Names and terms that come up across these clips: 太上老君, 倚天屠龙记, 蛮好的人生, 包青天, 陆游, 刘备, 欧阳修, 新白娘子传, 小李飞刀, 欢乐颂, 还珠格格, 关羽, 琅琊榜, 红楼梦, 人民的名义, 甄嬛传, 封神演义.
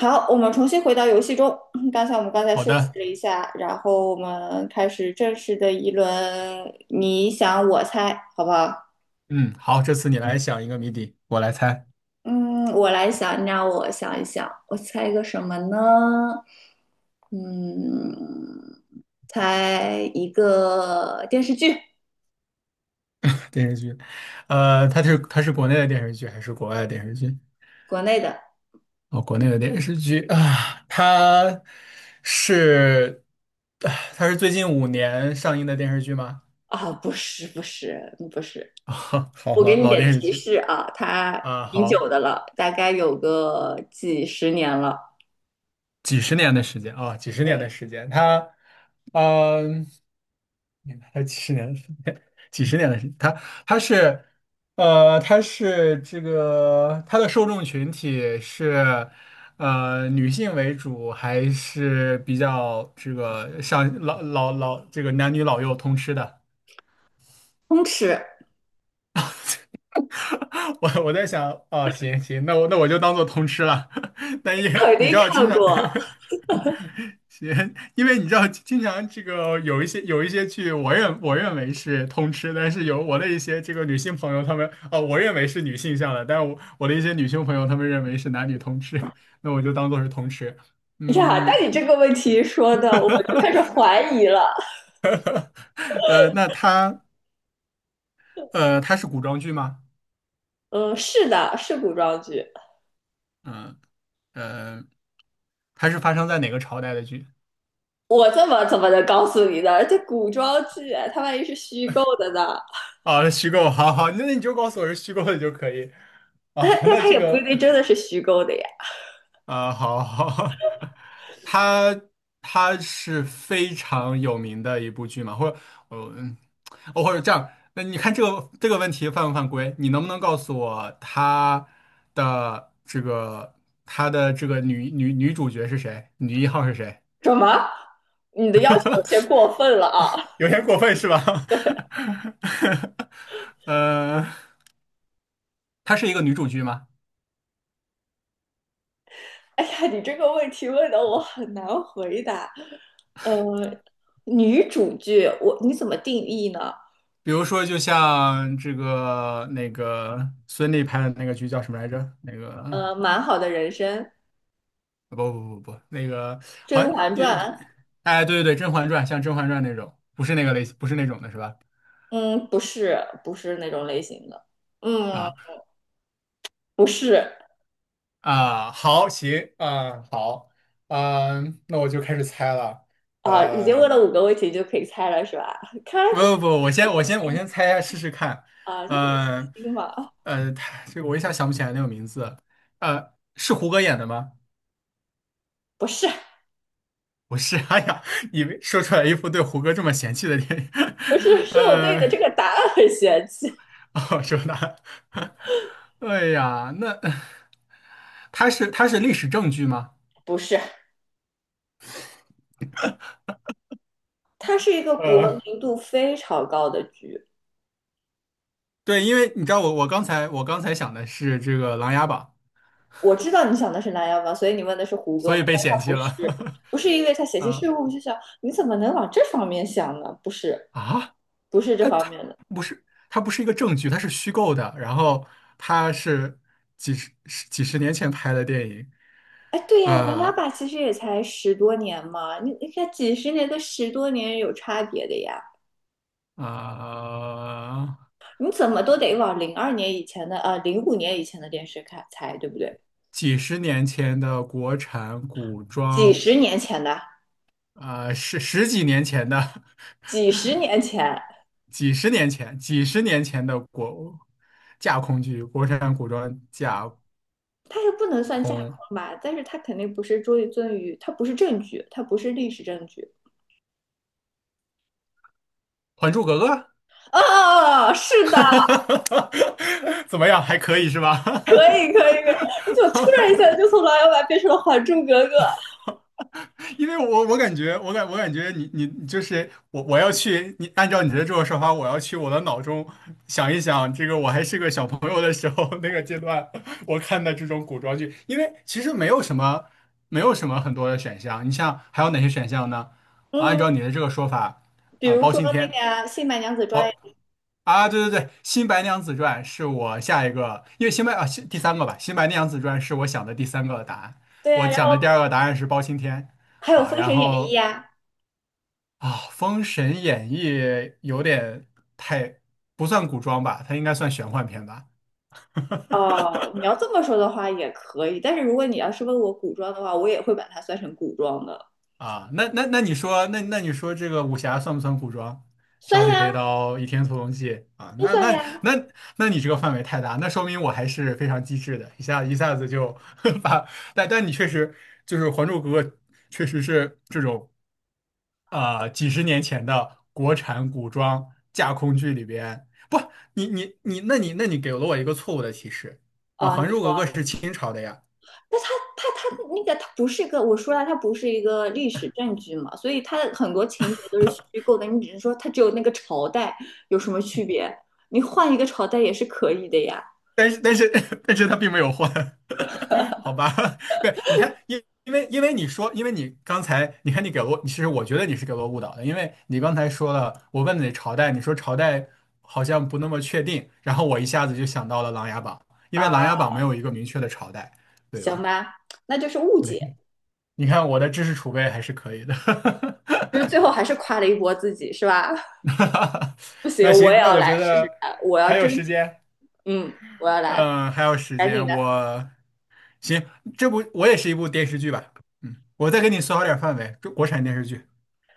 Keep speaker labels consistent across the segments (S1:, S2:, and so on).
S1: 好，我们重新回到游戏中。刚才我们
S2: 好
S1: 休
S2: 的，
S1: 息了一下，然后我们开始正式的一轮，你想我猜，好不好？
S2: 嗯，好，这次你来想一个谜底，我来猜。
S1: 嗯，我来想，让我想一想，我猜一个什么呢？嗯，猜一个电视剧，
S2: 电视剧。它是国内的电视剧还是国外的电视剧？
S1: 国内的。
S2: 哦，国内的电视剧啊，是它是最近5年上映的电视剧吗？
S1: 不是，不是，不是。
S2: 啊，好，
S1: 我给
S2: 老
S1: 你
S2: 老
S1: 点
S2: 电视
S1: 提
S2: 剧。
S1: 示啊，它
S2: 啊，
S1: 挺久
S2: 好，
S1: 的了，大概有个几十年了。
S2: 几十年的时间啊，几十
S1: 对，
S2: 年的时间，他，嗯、还有几十年的时间，几十年的时间，他是，他是这个他的受众群体是，女性为主，还是比较这个像老这个男女老幼通吃的？
S1: 通吃。
S2: 我在想，哦，行行，那我就当做通吃了。但也
S1: 肯
S2: 你
S1: 定
S2: 知道，经
S1: 看
S2: 常。
S1: 过
S2: 行，因为你知道，经常这个有一些剧，我认为是通吃，但是有我的一些这个女性朋友，她们哦，我认为是女性向的，但我的一些女性朋友，她们认为是男女通吃，那我就当做是通吃。
S1: 哎呀，
S2: 嗯。
S1: 但你这个问题说的，我就开始怀疑了。
S2: 呃，那它它是古装剧吗？
S1: 嗯，是的，是古装剧。
S2: 嗯呃，它是发生在哪个朝代的剧？
S1: 我怎么能告诉你呢？这古装剧，哎它万一是虚构的呢？
S2: 啊，虚构，好好，那你就告诉我是虚构的就可以。
S1: 但
S2: 啊，
S1: 但
S2: 那
S1: 它
S2: 这
S1: 也不一
S2: 个，
S1: 定真的是虚构的呀。
S2: 啊，好好。它它是非常有名的一部剧嘛，或者我嗯，哦，或者这样，那你看这个问题犯不犯规？你能不能告诉我的这个它的这个女主角是谁？女一号是谁？
S1: 什么？你的要求有些过 分了啊！
S2: 有点过分是吧？呃，它是一个女主剧吗？
S1: 哎呀，你这个问题问的我很难回答。呃，女主剧，你怎么定义呢？
S2: 比如说，就像这个那个孙俪拍的那个剧叫什么来着？那个
S1: 呃，《蛮好的人生》
S2: 不不不，不，那个好
S1: 《甄
S2: 像
S1: 嬛
S2: 也。
S1: 传》
S2: 哎，对对对，《甄嬛传》，像《甄嬛传》那种，不是那个类型，不是那种的是吧？
S1: 嗯，不是，不是那种类型的。嗯，
S2: 啊
S1: 不是
S2: 啊，好，行啊，好，嗯，那我就开始猜了。
S1: 啊，已
S2: 呃，
S1: 经问了5个问题就可以猜了，是吧？看来
S2: 不
S1: 这个
S2: 不不，我
S1: 很
S2: 先我
S1: 有
S2: 先
S1: 信
S2: 我
S1: 心
S2: 先猜一下试试看。
S1: 啊，你很有信
S2: 嗯
S1: 心嘛？
S2: 他这个我一下想不起来那个名字。是胡歌演的吗？
S1: 不是，
S2: 不是。哎呀，你们说出来一副对胡歌这么嫌弃的电影。
S1: 不是，是我对你的
S2: 呃，
S1: 这个答案很嫌弃。
S2: 哦，说他，哎呀，那他是历史证据吗？
S1: 不是，它是一个国
S2: 呃，
S1: 民度非常高的剧。
S2: 对，因为你知道我刚才想的是这个《琅琊榜》，
S1: 我知道你想的是《琅琊榜》，所以你问的是胡歌
S2: 所
S1: 嘛？
S2: 以被
S1: 但
S2: 嫌
S1: 他
S2: 弃
S1: 不是，
S2: 了。
S1: 不是因为他写些税
S2: 啊
S1: 务，我就想你怎么能往这方面想呢？不是，
S2: 啊，
S1: 不是这
S2: 他
S1: 方
S2: 他
S1: 面的。
S2: 不是他不是一个证据，它是虚构的，然后它是几十年前拍的电影。
S1: 哎，对呀，琅琊
S2: 呃
S1: 榜其实也才十多年嘛，你看几十年跟十多年有差别的呀，
S2: 呃。
S1: 你怎么都得往02年以前的，05年以前的电视看才对不对？
S2: 几十年前的国产古
S1: 几
S2: 装，
S1: 十年前的，
S2: 十几年前的，
S1: 几十年前，
S2: 几十年前，几十年前的架空剧，国产古装架
S1: 它也不能算架
S2: 空
S1: 空吧，但是它肯定不是于尊于，它不是证据，它不是历史证据。
S2: 《还珠格格》。
S1: 啊，哦哦是的，
S2: 怎么样？还可以是吧？
S1: 可以可以，可以你怎么突然一下就 从琅琊榜变成了《还珠格格》？
S2: 因为我感觉，我感觉你就是我，我要去你按照你的这种说法，我要去我的脑中想一想，这个我还是个小朋友的时候， 那个阶段，我看的这种古装剧，因为其实没有什么很多的选项，你像还有哪些选项呢？按
S1: 嗯，
S2: 照你的这个说法，
S1: 比
S2: 啊、
S1: 如
S2: 包
S1: 说
S2: 青
S1: 那个
S2: 天，
S1: 呀，《新白娘子传》
S2: 包
S1: 呀
S2: 啊，对对对，《新白娘子传》是我下一个。因为新白啊新第三个吧，《新白娘子传》是我想的第三个答案，
S1: 对
S2: 我
S1: 呀，然
S2: 想
S1: 后
S2: 的第二个答案是包青天。
S1: 还有
S2: 啊，
S1: 《封
S2: 然
S1: 神演义》
S2: 后，
S1: 呀。
S2: 啊，《封神演义》有点太不算古装吧，它应该算玄幻片吧？
S1: 哦，你要这么说的话也可以，但是如果你要是问我古装的话，我也会把它算成古装的，
S2: 啊，那你说，那你说这个武侠算不算古装？小
S1: 算
S2: 李
S1: 呀，
S2: 飞刀、倚天屠龙记啊，
S1: 都算
S2: 那
S1: 呀。
S2: 那你这个范围太大，那说明我还是非常机智的，一下子就 把，但你确实就是《还珠格格》，确实是这种。啊、几十年前的国产古装架空剧里边，不，你你你，那你给了我一个错误的提示。啊，《还
S1: 你
S2: 珠
S1: 说，
S2: 格格》是清朝的呀，
S1: 那它它那个它不是一个，我说了，它不是一个历史证据嘛，所以它的很多情节都是虚构的，你只是说它只有那个朝代有什么区别，你换一个朝代也是可以的呀。
S2: 但是 但是它并没有换。好吧？对，你看，因为你说，因为你刚才，你看你给了我，其实我觉得你是给了我误导的，因为你刚才说了，我问你朝代，你说朝代好像不那么确定，然后我一下子就想到了《琅琊榜》，因为
S1: 啊、
S2: 《琅琊榜》没有一个明确的朝代，对
S1: 行
S2: 吧？
S1: 吧，那就是误
S2: 对。
S1: 解，
S2: 你看我的知识储备还是可以的。
S1: 就是最后还是夸了一波自己是吧？不行，
S2: 那
S1: 我也
S2: 行，那
S1: 要
S2: 我
S1: 来
S2: 觉
S1: 试试
S2: 得
S1: 看，我要
S2: 还有
S1: 争
S2: 时
S1: 取，
S2: 间，
S1: 嗯，我要来，
S2: 嗯、还有时
S1: 赶紧
S2: 间，
S1: 的。
S2: 行，这部我也是一部电视剧吧。嗯，我再给你缩小点范围，中国产电视剧。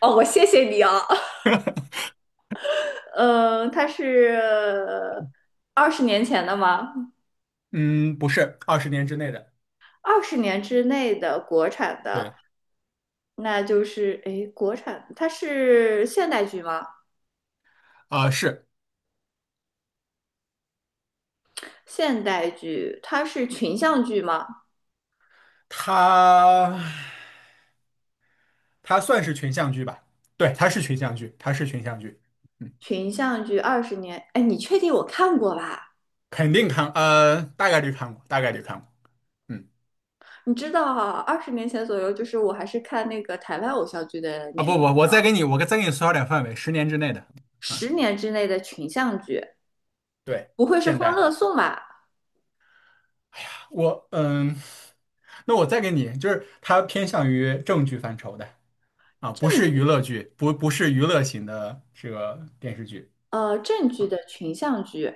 S1: 哦，我谢谢你啊。呃，它是二十年前的吗？
S2: 嗯，不是20年之内的。
S1: 20年之内的国产的，
S2: 对。
S1: 那就是诶，国产它是现代剧吗？
S2: 啊、是。
S1: 现代剧它是群像剧吗？
S2: 它，它算是群像剧吧，对，它是群像剧，它是群像剧。嗯，
S1: 群像剧20年，哎，你确定我看过吧？
S2: 肯定看，大概率看过，大概率看过。嗯。
S1: 你知道啊，20年前左右，就是我还是看那个台湾偶像剧的
S2: 啊，
S1: 年，
S2: 不不，我再给你缩小点范围，十年之内的。嗯，
S1: 十年之内的群像剧，
S2: 对。
S1: 不会是
S2: 现
S1: 《欢乐
S2: 代，
S1: 颂》吧？
S2: 我嗯，那我再给你，就是它偏向于正剧范畴的。啊，不
S1: 正
S2: 是
S1: 剧，
S2: 娱乐剧，不是娱乐型的这个电视剧。
S1: 呃，正剧的群像剧，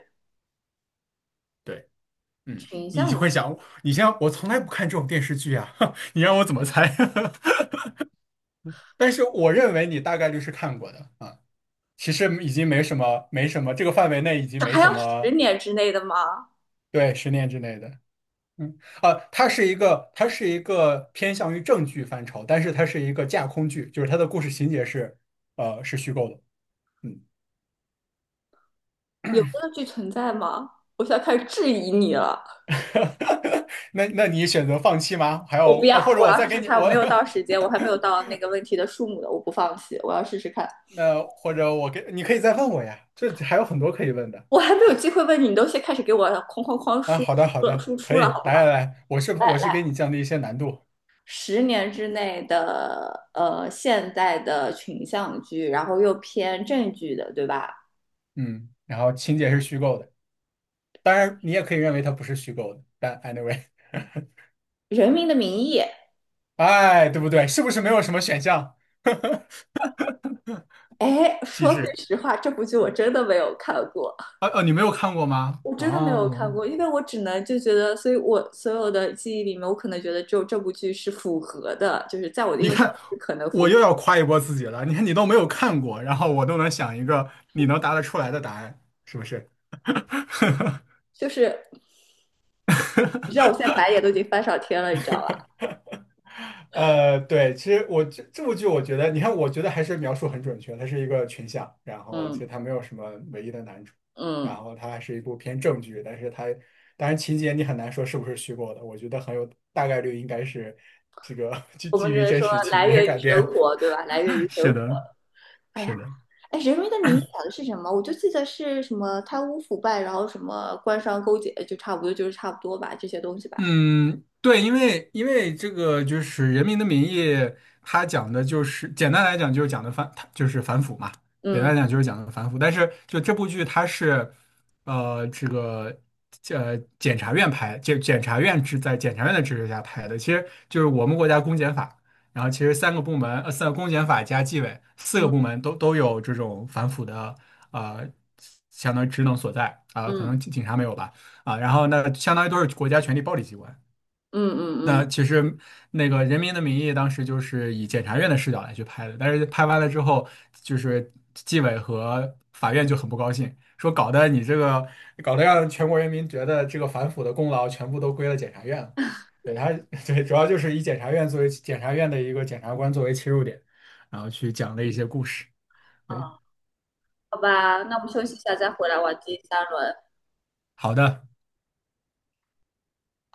S2: 对。嗯，
S1: 群
S2: 你就
S1: 像
S2: 会想，你像我从来不看这种电视剧啊。你让我怎么猜？但是我认为你大概率是看过的啊。其实已经没什么，这个范围内已经
S1: 这
S2: 没
S1: 还
S2: 什
S1: 要十
S2: 么。
S1: 年之内的吗？
S2: 对，十年之内的。嗯，它是一个偏向于正剧范畴，但是它是一个架空剧，就是它的故事情节是，是虚构的。嗯。
S1: 有这个剧存在吗？我现在开始质疑你了。
S2: 那那你选择放弃吗？还
S1: 我不
S2: 有啊，
S1: 要，
S2: 或者
S1: 我
S2: 我
S1: 要
S2: 再
S1: 试
S2: 给
S1: 试
S2: 你
S1: 看。我
S2: 我，
S1: 没有到时间，我还没有 到那个问题的数目的，我不放弃。我要试试看。
S2: 那或者我给你可以再问我呀，这还有很多可以问的
S1: 我还没有机会问你，你都先开始给我哐哐哐
S2: 啊。
S1: 输
S2: 好的，好
S1: 出了，
S2: 的，
S1: 输
S2: 可
S1: 出了，
S2: 以，
S1: 好不好？
S2: 来来来，我是给你降低一些难度。
S1: 十年之内的现代的群像剧，然后又偏正剧的，对吧？
S2: 嗯，然后情节是虚构的，当然你也可以认为它不是虚构的，但 anyway,
S1: 《人民的名义》，
S2: 哎，对不对？是不是没有什么选项？
S1: 哎，
S2: 机
S1: 说句
S2: 智。
S1: 实话，这部剧我真的没有看过。
S2: 啊，你没有看过吗？
S1: 我真的没有
S2: 哦，
S1: 看过，因为我只能就觉得，所以我所有的记忆里面，我可能觉得只有这部剧是符合的，就是在我的
S2: 你
S1: 印象
S2: 看，
S1: 里是可能符
S2: 我
S1: 合。
S2: 又要夸一波自己了。你看，你都没有看过，然后我都能想一个你能答得出来的答案，是不是？
S1: 就是你知道，我现在白眼都已 经翻上天了，你知道吧？
S2: 对，其实我这部剧，我觉得，你看，我觉得还是描述很准确，它是一个群像，然后其实
S1: 嗯
S2: 它没有什么唯一的男主，然
S1: 嗯，
S2: 后它还是一部偏正剧，但是它当然情节你很难说是不是虚构的，我觉得很有大概率应该是这个
S1: 我
S2: 基
S1: 们只
S2: 于
S1: 是
S2: 真
S1: 说
S2: 实情
S1: 来
S2: 节
S1: 源于
S2: 改
S1: 生
S2: 编。
S1: 活，对吧？来源 于生
S2: 是
S1: 活。
S2: 的，
S1: 哎
S2: 是
S1: 呀，
S2: 的。
S1: 哎，《人民的名义》讲的是什么？我就记得是什么贪污腐败，然后什么官商勾结，就差不多就是差不多吧，这些东西吧。
S2: 嗯，对，因为因为这个就是《人民的名义》，它讲的就是简单来讲就是讲的反，它就是反腐嘛。简
S1: 嗯
S2: 单来讲就是讲的反腐。但是就这部剧它是，这个检察院拍，检察院在检察院的支持下拍的，其实就是我们国家公检法，然后其实三个部门，三公检法加纪委四个部
S1: 嗯
S2: 门都有这种反腐的呃相当于职能所在啊，可
S1: 嗯
S2: 能警察没有吧。啊，然后那相当于都是国家权力暴力机关。
S1: 嗯嗯嗯，嗯
S2: 那其实那个《人民的名义》当时就是以检察院的视角来去拍的，但是拍完了之后，就是纪委和法院就很不高兴，说搞得你这个搞得让全国人民觉得这个反腐的功劳全部都归了检察院了。对他。对，主要就是以检察院作为检察院的一个检察官作为切入点，然后去讲了一些故事。对。
S1: 好吧，那我们休息一下再回来玩。机。
S2: 好的。